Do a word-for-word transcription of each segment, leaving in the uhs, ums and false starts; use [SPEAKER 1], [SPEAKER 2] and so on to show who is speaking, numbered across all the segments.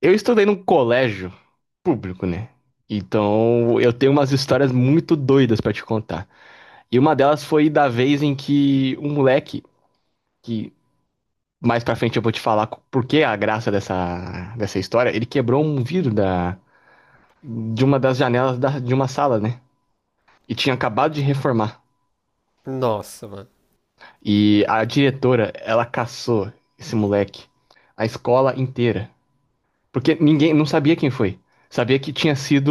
[SPEAKER 1] Eu estudei num colégio público, né? Então eu tenho umas histórias muito doidas pra te contar. E uma delas foi da vez em que um moleque, que mais pra frente eu vou te falar co- por que a graça dessa, dessa história, ele quebrou um vidro da, de uma das janelas da- de uma sala, né? E tinha acabado de reformar.
[SPEAKER 2] Nossa, mano.
[SPEAKER 1] E a diretora, ela caçou esse moleque, a escola inteira. Porque ninguém não sabia quem foi. Sabia que tinha sido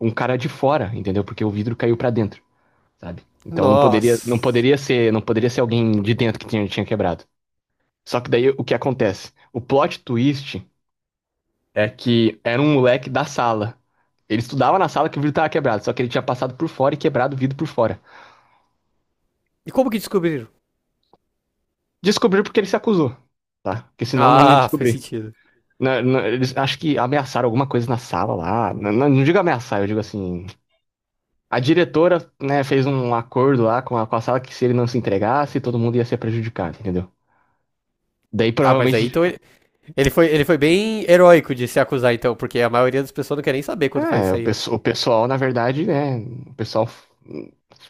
[SPEAKER 1] um cara de fora, entendeu? Porque o vidro caiu pra dentro, sabe? Então não poderia, não
[SPEAKER 2] Nossa.
[SPEAKER 1] poderia ser, não poderia ser alguém de dentro que tinha, tinha quebrado. Só que daí o que acontece? O plot twist é que era um moleque da sala. Ele estudava na sala que o vidro tava quebrado, só que ele tinha passado por fora e quebrado o vidro por fora.
[SPEAKER 2] E como que descobriram?
[SPEAKER 1] Descobriu porque ele se acusou, tá? Porque senão não ia
[SPEAKER 2] Ah, faz
[SPEAKER 1] descobrir.
[SPEAKER 2] sentido.
[SPEAKER 1] Na- na- eles acho que ameaçaram alguma coisa na sala lá. Não, não digo ameaçar, eu digo assim. A diretora, né, fez um acordo lá com a, com a sala que se ele não se entregasse, todo mundo ia ser prejudicado, entendeu? Daí
[SPEAKER 2] Ah, mas aí
[SPEAKER 1] provavelmente,
[SPEAKER 2] então ele, ele foi, ele foi bem heróico de se acusar, então, porque a maioria das pessoas não quer nem saber quando faz
[SPEAKER 1] é,
[SPEAKER 2] isso
[SPEAKER 1] o,
[SPEAKER 2] aí.
[SPEAKER 1] pesso- o pessoal, na verdade, né, o pessoal f-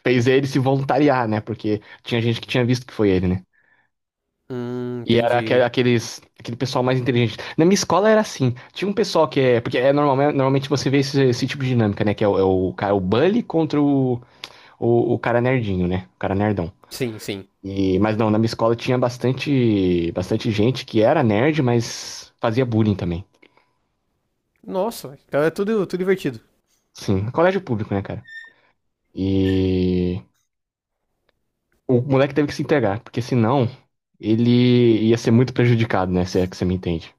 [SPEAKER 1] fez ele se voluntariar, né, porque tinha gente que tinha visto que foi ele, né?
[SPEAKER 2] Hum,
[SPEAKER 1] E era aque-
[SPEAKER 2] entendi.
[SPEAKER 1] aqueles, aquele pessoal mais inteligente. Na minha escola era assim, tinha um pessoal que é, porque é normal, normalmente você vê esse, esse tipo de dinâmica, né, que é o, é o cara, o bully contra o, o, o cara nerdinho, né, o cara nerdão.
[SPEAKER 2] Sim, sim.
[SPEAKER 1] E, mas não, na minha escola tinha bastante, bastante gente que era nerd, mas fazia bullying também.
[SPEAKER 2] Nossa, então é tudo, tudo divertido.
[SPEAKER 1] Sim, colégio público, né, cara? E o moleque teve que se entregar, porque senão ele ia ser muito prejudicado, né? Se é que você me entende.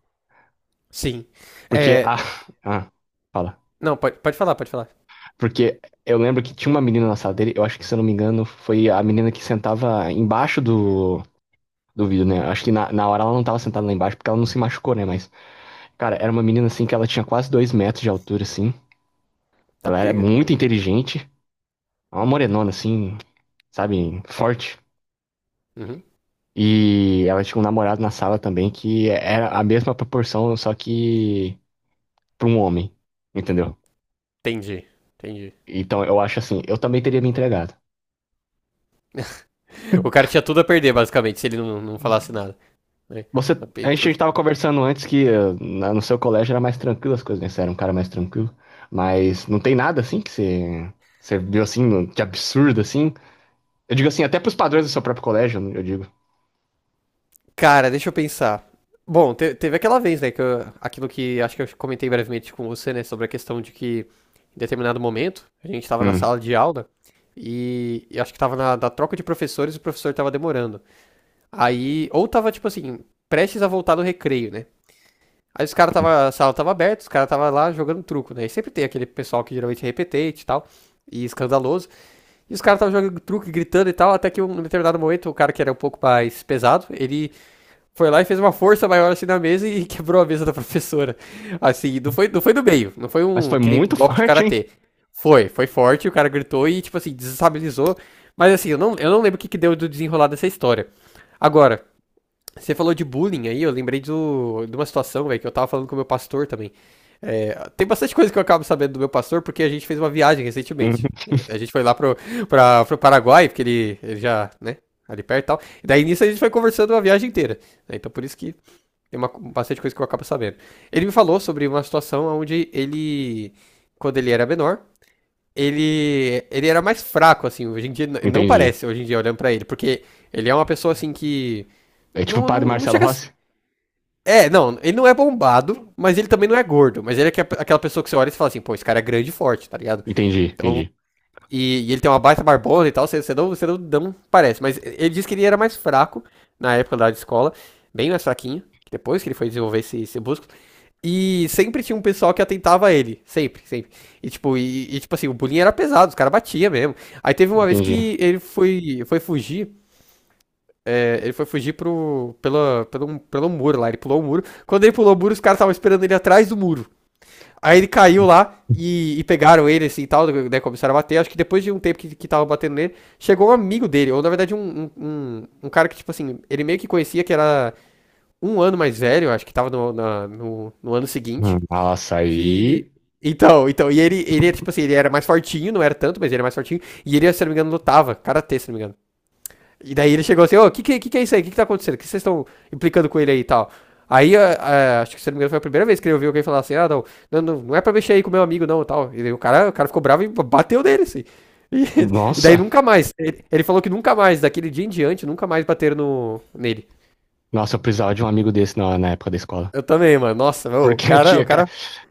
[SPEAKER 2] Sim.
[SPEAKER 1] Porque
[SPEAKER 2] É.
[SPEAKER 1] a. Ah, fala.
[SPEAKER 2] Não, pode, pode falar, pode falar.
[SPEAKER 1] Porque eu lembro que tinha uma menina na sala dele, eu acho que, se eu não me engano, foi a menina que sentava embaixo do. Do vidro, né? Acho que na, na hora ela não tava sentada lá embaixo porque ela não se machucou, né? Mas, cara, era uma menina assim que ela tinha quase dois metros de altura, assim.
[SPEAKER 2] Tá
[SPEAKER 1] Ela era
[SPEAKER 2] pega.
[SPEAKER 1] muito inteligente, uma morenona assim, sabe, forte.
[SPEAKER 2] Uhum.
[SPEAKER 1] E ela tinha um namorado na sala também que era a mesma proporção, só que para um homem, entendeu?
[SPEAKER 2] Entendi, entendi.
[SPEAKER 1] Então eu acho assim, eu também teria me entregado.
[SPEAKER 2] O cara tinha tudo a perder, basicamente, se ele não, não falasse nada. Né?
[SPEAKER 1] Você, a gente
[SPEAKER 2] Então.
[SPEAKER 1] estava conversando antes que eh, na- no seu colégio era mais tranquilo as coisas, né? Você era um cara mais tranquilo. Mas não tem nada assim que você, você viu assim, no- de absurdo assim. Eu digo assim, até pros padrões do seu próprio colégio, eu digo.
[SPEAKER 2] Cara, deixa eu pensar. Bom, te- teve aquela vez, né, que eu- aquilo que acho que eu comentei brevemente com você, né, sobre a questão de que em determinado momento a gente estava na
[SPEAKER 1] Hum.
[SPEAKER 2] sala de aula e, e acho que estava na, na troca de professores e o professor estava demorando. Aí, ou tava tipo assim, prestes a voltar do recreio, né? Aí os caras tava, a sala tava aberta, os caras tava lá jogando truco, né? E sempre tem aquele pessoal que geralmente é repetente e tal, e escandaloso. E os caras estavam jogando truco, e gritando e tal, até que um, em determinado momento o cara que era um pouco mais pesado, ele foi lá e fez uma força maior assim na mesa e quebrou a mesa da professora. Assim, não foi, não foi do meio, não foi
[SPEAKER 1] Mas
[SPEAKER 2] um
[SPEAKER 1] foi
[SPEAKER 2] que nem
[SPEAKER 1] muito
[SPEAKER 2] golpe de
[SPEAKER 1] forte, hein?
[SPEAKER 2] karatê. Foi, foi forte, o cara gritou e, tipo assim, desestabilizou. Mas assim, eu não, eu não lembro o que, que deu do desenrolar dessa história. Agora, você falou de bullying aí, eu lembrei do, de uma situação, velho, que eu tava falando com o meu pastor também. É, tem bastante coisa que eu acabo sabendo do meu pastor, porque a gente fez uma viagem recentemente.
[SPEAKER 1] Uhum.
[SPEAKER 2] Né? A gente foi lá pro, pra, pro Paraguai, porque ele, ele já, né, ali perto e tal. E daí nisso a gente foi conversando uma viagem inteira. Né? Então por isso que tem uma, bastante coisa que eu acabo sabendo. Ele me falou sobre uma situação onde ele, quando ele era menor, ele, ele era mais fraco, assim, hoje em dia, não
[SPEAKER 1] Entendi.
[SPEAKER 2] parece, hoje em dia, olhando pra ele, porque ele é uma pessoa, assim, que
[SPEAKER 1] É tipo o
[SPEAKER 2] não,
[SPEAKER 1] Padre
[SPEAKER 2] não, não
[SPEAKER 1] Marcelo
[SPEAKER 2] chega a.
[SPEAKER 1] Rossi?
[SPEAKER 2] É, não, ele não é bombado, mas ele também não é gordo. Mas ele é que- é aquela pessoa que você olha e você fala assim, pô, esse cara é grande e forte, tá ligado?
[SPEAKER 1] Entendi,
[SPEAKER 2] Então,
[SPEAKER 1] entendi.
[SPEAKER 2] e, e ele tem uma baita barbona e tal, você, você, não, você não, não parece. Mas ele disse que ele era mais fraco na época da escola, bem mais fraquinho, depois que ele foi desenvolver esse, esse músculo. E sempre tinha um pessoal que atentava a ele, sempre, sempre. E tipo, e, e, tipo assim, o bullying era pesado, os caras batiam mesmo. Aí teve uma vez
[SPEAKER 1] Entendi.
[SPEAKER 2] que ele foi, foi fugir. é, Ele foi fugir pro, pela, pelo, pelo muro lá, ele pulou o muro. Quando ele pulou o muro, os caras estavam esperando ele atrás do muro. Aí ele caiu lá e, e pegaram ele assim e tal, né, começaram a bater. Acho que depois de um tempo que, que tava batendo nele, chegou um amigo dele, ou na verdade um, um, um, um cara que, tipo assim, ele meio que conhecia que era um ano mais velho, acho que tava no, na- no, no ano seguinte.
[SPEAKER 1] Hum, Nossa, aí.
[SPEAKER 2] Que. Então, então, e ele, ele, tipo assim, ele era mais fortinho, não era tanto, mas ele era mais fortinho. E ele, se não me engano, lutava, karatê, se não me engano. E daí ele chegou assim, ô, o que, que, que é isso aí? O que, que tá acontecendo? O que vocês estão implicando com ele aí e tal? Aí, ah, ah, acho que se não me engano, foi a primeira vez que ele ouviu alguém falar assim, ah, não, não, não, é pra mexer aí com o meu amigo, não, e tal. E daí o cara, o cara ficou bravo e bateu nele, assim. E, e daí
[SPEAKER 1] Nossa!
[SPEAKER 2] nunca mais. Ele, ele falou que nunca mais, daquele dia em diante, nunca mais bateram no, nele.
[SPEAKER 1] Nossa, eu precisava de um amigo desse na, na época da escola.
[SPEAKER 2] Eu também, mano. Nossa, meu, o
[SPEAKER 1] Porque
[SPEAKER 2] cara, o
[SPEAKER 1] tinha. ca-
[SPEAKER 2] cara.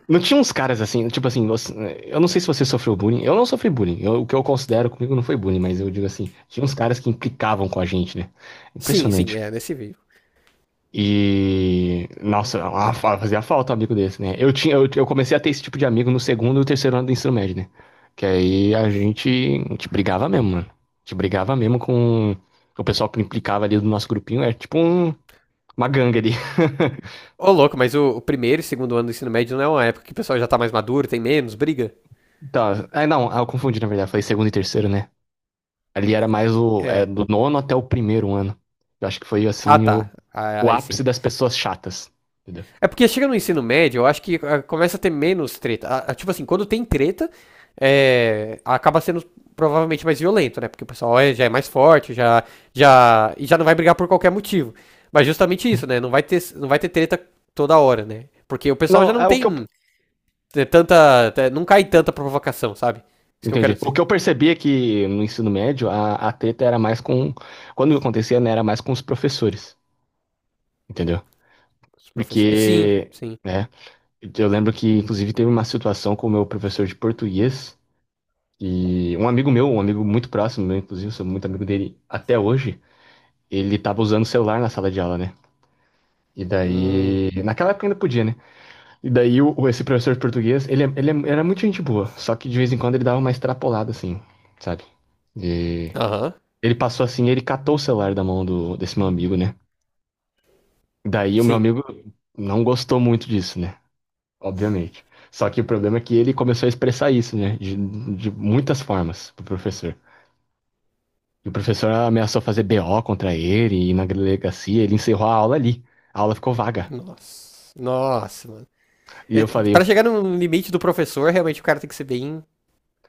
[SPEAKER 1] Não tinha uns caras assim, tipo assim, você- eu não sei se você sofreu bullying. Eu não sofri bullying. Eu- o que eu considero comigo não foi bullying, mas eu digo assim, tinha uns caras que implicavam com a gente, né?
[SPEAKER 2] Sim, sim,
[SPEAKER 1] Impressionante.
[SPEAKER 2] é nesse vídeo.
[SPEAKER 1] E, nossa, a- fa- fazia falta um amigo desse, né? Eu tinha, eu, eu comecei a ter esse tipo de amigo no segundo e terceiro ano do ensino médio, né? Que aí a gente, a gente brigava mesmo, mano. A gente brigava mesmo com o pessoal que implicava ali do nosso grupinho. É tipo um- uma gangue ali.
[SPEAKER 2] Ô, louco, mas o, o primeiro e segundo ano do ensino médio não é uma época que o pessoal já tá mais maduro, tem menos, briga?
[SPEAKER 1] Tá, ah, não, ah, eu confundi, na verdade. Falei segundo e terceiro, né? Ali era mais o, é,
[SPEAKER 2] É.
[SPEAKER 1] do nono até o primeiro ano. Eu acho que foi,
[SPEAKER 2] Ah,
[SPEAKER 1] assim,
[SPEAKER 2] tá.
[SPEAKER 1] o,
[SPEAKER 2] Ah,
[SPEAKER 1] o
[SPEAKER 2] aí sim.
[SPEAKER 1] ápice das pessoas chatas, entendeu?
[SPEAKER 2] É porque chega no ensino médio, eu acho que ah, começa a ter menos treta. Ah, ah, Tipo assim, quando tem treta, é, acaba sendo provavelmente mais violento, né? Porque o pessoal é- já é mais forte, já, já, e já não vai brigar por qualquer motivo. Mas justamente isso, né? Não vai ter, não vai ter treta toda hora, né? Porque o pessoal já
[SPEAKER 1] Não,
[SPEAKER 2] não
[SPEAKER 1] é o que eu
[SPEAKER 2] tem é, tanta. é, Não cai tanta provocação, sabe? Isso que eu quero
[SPEAKER 1] Entendi. O
[SPEAKER 2] dizer.
[SPEAKER 1] que eu percebi é que no ensino médio a, a treta era mais com. Quando acontecia, né, era mais com os professores, entendeu?
[SPEAKER 2] Os professores. Sim,
[SPEAKER 1] Porque,
[SPEAKER 2] sim.
[SPEAKER 1] né, eu lembro que inclusive teve uma situação com o meu professor de português e um amigo meu, um amigo muito próximo meu, inclusive, eu sou muito amigo dele até hoje, ele tava usando o celular na sala de aula, né? E
[SPEAKER 2] Hum.
[SPEAKER 1] daí, naquela época ainda podia, né? E daí o, o- esse professor de português, ele, é- ele é- era muito gente boa, só que de vez em quando ele dava uma extrapolada assim, sabe? E
[SPEAKER 2] Aham.
[SPEAKER 1] ele passou assim, ele catou o celular da mão do, desse meu amigo, né? Daí o meu
[SPEAKER 2] Sim.
[SPEAKER 1] amigo não gostou muito disso, né? Obviamente. Só que o problema é que ele começou a expressar isso, né? De, de muitas formas pro professor. E o professor ameaçou fazer B O contra ele e na delegacia ele encerrou a aula ali. A aula ficou vaga.
[SPEAKER 2] Nossa. Nossa, mano.
[SPEAKER 1] E
[SPEAKER 2] É,
[SPEAKER 1] eu falei,
[SPEAKER 2] Para chegar no limite do professor, realmente o cara tem que ser bem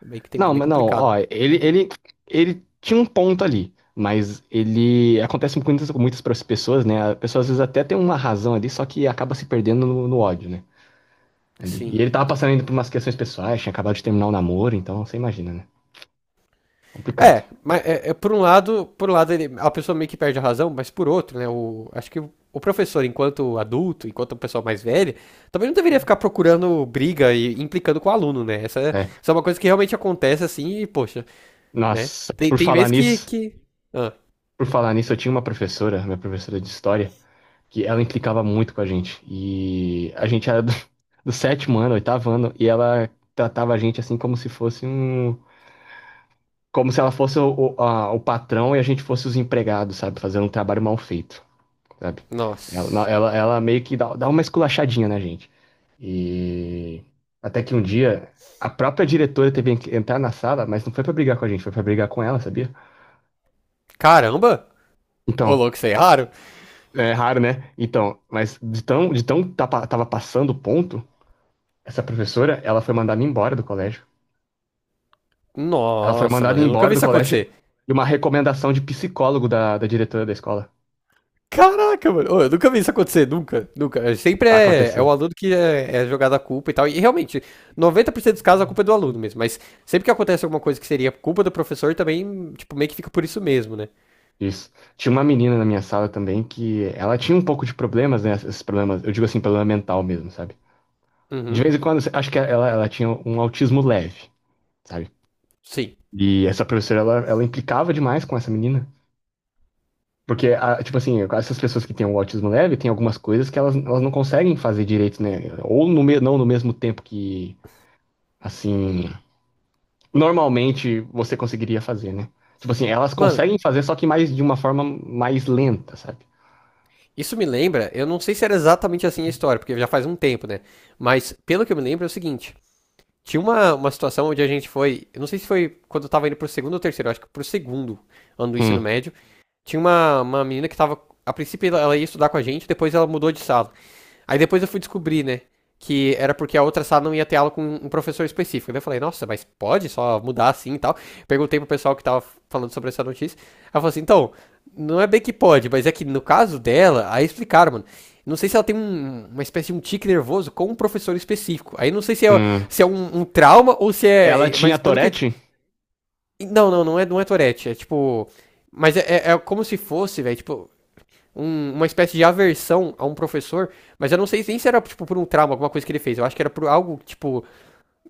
[SPEAKER 2] bem que tem
[SPEAKER 1] não,
[SPEAKER 2] bem
[SPEAKER 1] mas não,
[SPEAKER 2] complicado.
[SPEAKER 1] ó, ele, ele, ele tinha um ponto ali. Mas ele acontece com muitas, com muitas pessoas, né? A pessoa às vezes até tem uma razão ali, só que acaba se perdendo no no ódio, né, ali. E
[SPEAKER 2] Sim,
[SPEAKER 1] ele tava
[SPEAKER 2] sim.
[SPEAKER 1] passando ainda por umas questões pessoais, tinha acabado de terminar o namoro, então você imagina, né? Complicado.
[SPEAKER 2] É, mas é, é, por um lado, por um lado ele- a pessoa meio que perde a razão, mas por outro, né, o, acho que o, o professor, enquanto adulto, enquanto uma pessoa mais velha, também não deveria ficar procurando briga e implicando com o aluno, né? Essa, é-
[SPEAKER 1] É.
[SPEAKER 2] isso é uma coisa que realmente acontece assim e, poxa, né?
[SPEAKER 1] Nossa,
[SPEAKER 2] Tem,
[SPEAKER 1] por
[SPEAKER 2] tem
[SPEAKER 1] falar
[SPEAKER 2] vezes que,
[SPEAKER 1] nisso,
[SPEAKER 2] que... Ah,
[SPEAKER 1] por falar nisso, eu tinha uma professora, minha professora de história, que ela implicava muito com a gente. E a gente era do, do sétimo ano, oitavo ano, e ela tratava a gente assim como se fosse um. Como se ela fosse o, o, a- o patrão e a gente fosse os empregados, sabe? Fazendo um trabalho mal feito, sabe? Ela,
[SPEAKER 2] nossa.
[SPEAKER 1] ela, ela meio que dá, dá uma esculachadinha na gente. E até que um dia a própria diretora teve que entrar na sala, mas não foi pra brigar com a gente, foi pra brigar com ela, sabia?
[SPEAKER 2] Caramba! Ô,
[SPEAKER 1] Então,
[SPEAKER 2] louco, isso é raro.
[SPEAKER 1] é raro, né? Então, mas de tão, de tão tapa- tava passando o ponto, essa professora, ela foi mandada embora do colégio. Ela foi
[SPEAKER 2] Nossa,
[SPEAKER 1] mandada
[SPEAKER 2] mano, eu nunca
[SPEAKER 1] embora
[SPEAKER 2] vi
[SPEAKER 1] do
[SPEAKER 2] isso
[SPEAKER 1] colégio
[SPEAKER 2] acontecer.
[SPEAKER 1] e uma recomendação de psicólogo da, da diretora da escola.
[SPEAKER 2] Caraca, mano. Ô, eu nunca vi isso acontecer, nunca, nunca. É, Sempre é, é
[SPEAKER 1] Aconteceu.
[SPEAKER 2] o aluno que é, é jogado a culpa e tal. E realmente, noventa por cento dos casos a culpa é do aluno mesmo. Mas sempre que acontece alguma coisa que seria culpa do professor, também, tipo, meio que fica por isso mesmo, né?
[SPEAKER 1] Isso. Tinha uma menina na minha sala também que ela tinha um pouco de problemas, né? Esses problemas, eu digo assim, problema mental mesmo, sabe? De
[SPEAKER 2] Uhum,
[SPEAKER 1] vez em quando, acho que ela, ela tinha um autismo leve, sabe?
[SPEAKER 2] sim.
[SPEAKER 1] E essa professora, ela, ela implicava demais com essa menina. Porque, a- tipo assim, essas pessoas que têm o autismo leve, tem algumas coisas que elas, elas não conseguem fazer direito, né? Ou no, me- não no mesmo tempo que, assim, normalmente você conseguiria fazer, né? Tipo assim, elas
[SPEAKER 2] Mano,
[SPEAKER 1] conseguem fazer, só que mais de uma forma mais lenta, sabe?
[SPEAKER 2] isso me lembra, eu não sei se era exatamente assim a história, porque já faz um tempo, né? Mas pelo que eu me lembro é o seguinte: tinha uma, uma situação onde a gente foi, eu não sei se foi quando eu tava indo pro segundo ou terceiro, eu acho que pro segundo ano do ensino
[SPEAKER 1] Hum,
[SPEAKER 2] médio. Tinha uma, uma menina que tava. A princípio ela- ela ia estudar com a gente, depois ela mudou de sala. Aí depois eu fui descobrir, né? Que era porque a outra sala não ia ter aula com um professor específico. Daí eu falei, nossa, mas pode só mudar assim e tal. Perguntei pro pessoal que tava falando sobre essa notícia. Ela falou assim, então, não é bem que pode, mas é que no caso dela, aí explicaram, mano. Não sei se ela tem um- uma espécie de um tique nervoso com um professor específico. Aí não sei se é,
[SPEAKER 1] hum.
[SPEAKER 2] se é um, um trauma ou se
[SPEAKER 1] Ela
[SPEAKER 2] é. é-
[SPEAKER 1] tinha
[SPEAKER 2] Mas pelo que.
[SPEAKER 1] Tourette?
[SPEAKER 2] Não, não, não é, não é Tourette. É tipo. Mas é, é- é como se fosse, velho. Tipo, um- uma espécie de aversão a um professor, mas eu não sei nem se era tipo, por um trauma, alguma coisa que ele fez. Eu acho que era por algo, tipo,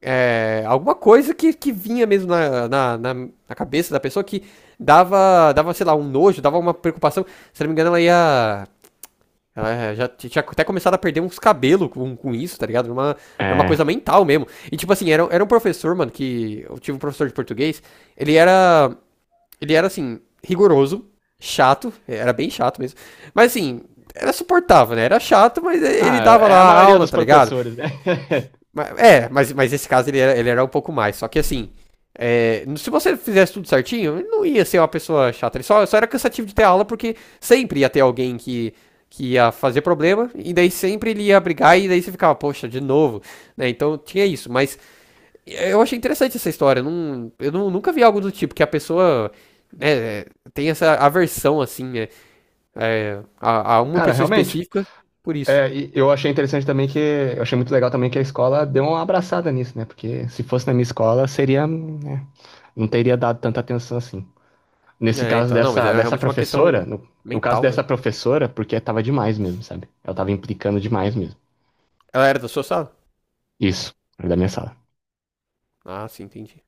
[SPEAKER 2] é, alguma coisa que, que vinha mesmo na, na, na, na cabeça da pessoa que dava, dava, sei lá, um nojo, dava uma preocupação. Se não me engano, ela ia. Ela já tinha até começado a perder uns cabelos com, com isso, tá ligado? Era uma, era uma
[SPEAKER 1] É.
[SPEAKER 2] coisa mental mesmo. E tipo assim, era, era um professor, mano, que. Eu tive um professor de português. Ele era. Ele era assim, rigoroso, chato, era bem chato mesmo. Mas assim, era suportável, né? Era chato, mas ele
[SPEAKER 1] Ah,
[SPEAKER 2] dava
[SPEAKER 1] é a
[SPEAKER 2] lá a
[SPEAKER 1] maioria
[SPEAKER 2] aula,
[SPEAKER 1] dos
[SPEAKER 2] tá ligado?
[SPEAKER 1] professores, né?
[SPEAKER 2] Mas- É, mas, mas esse caso ele era, ele era um pouco mais. Só que assim, é, se você fizesse tudo certinho, ele não ia ser uma pessoa chata. Ele só, só era cansativo de ter aula porque sempre ia ter alguém que, que ia fazer problema. E daí sempre ele ia brigar e daí você ficava, poxa, de novo. Né? Então tinha isso. Mas eu achei interessante essa história. Eu, Não, eu não- nunca vi algo do tipo que a pessoa né, tem essa aversão assim né, é, a, a uma
[SPEAKER 1] Cara,
[SPEAKER 2] pessoa
[SPEAKER 1] realmente.
[SPEAKER 2] específica por isso.
[SPEAKER 1] É, e eu achei interessante também que. Eu achei muito legal também que a escola deu uma abraçada nisso, né? Porque se fosse na minha escola, seria, né? Não teria dado tanta atenção assim. Nesse
[SPEAKER 2] É,
[SPEAKER 1] caso
[SPEAKER 2] então, não, mas
[SPEAKER 1] dessa,
[SPEAKER 2] era
[SPEAKER 1] dessa
[SPEAKER 2] realmente uma
[SPEAKER 1] professora,
[SPEAKER 2] questão
[SPEAKER 1] no, no caso
[SPEAKER 2] mental, né?
[SPEAKER 1] dessa professora, porque tava demais mesmo, sabe? Ela tava implicando demais mesmo.
[SPEAKER 2] Ela era da sua sala?
[SPEAKER 1] Isso, da minha sala.
[SPEAKER 2] Ah, sim, entendi.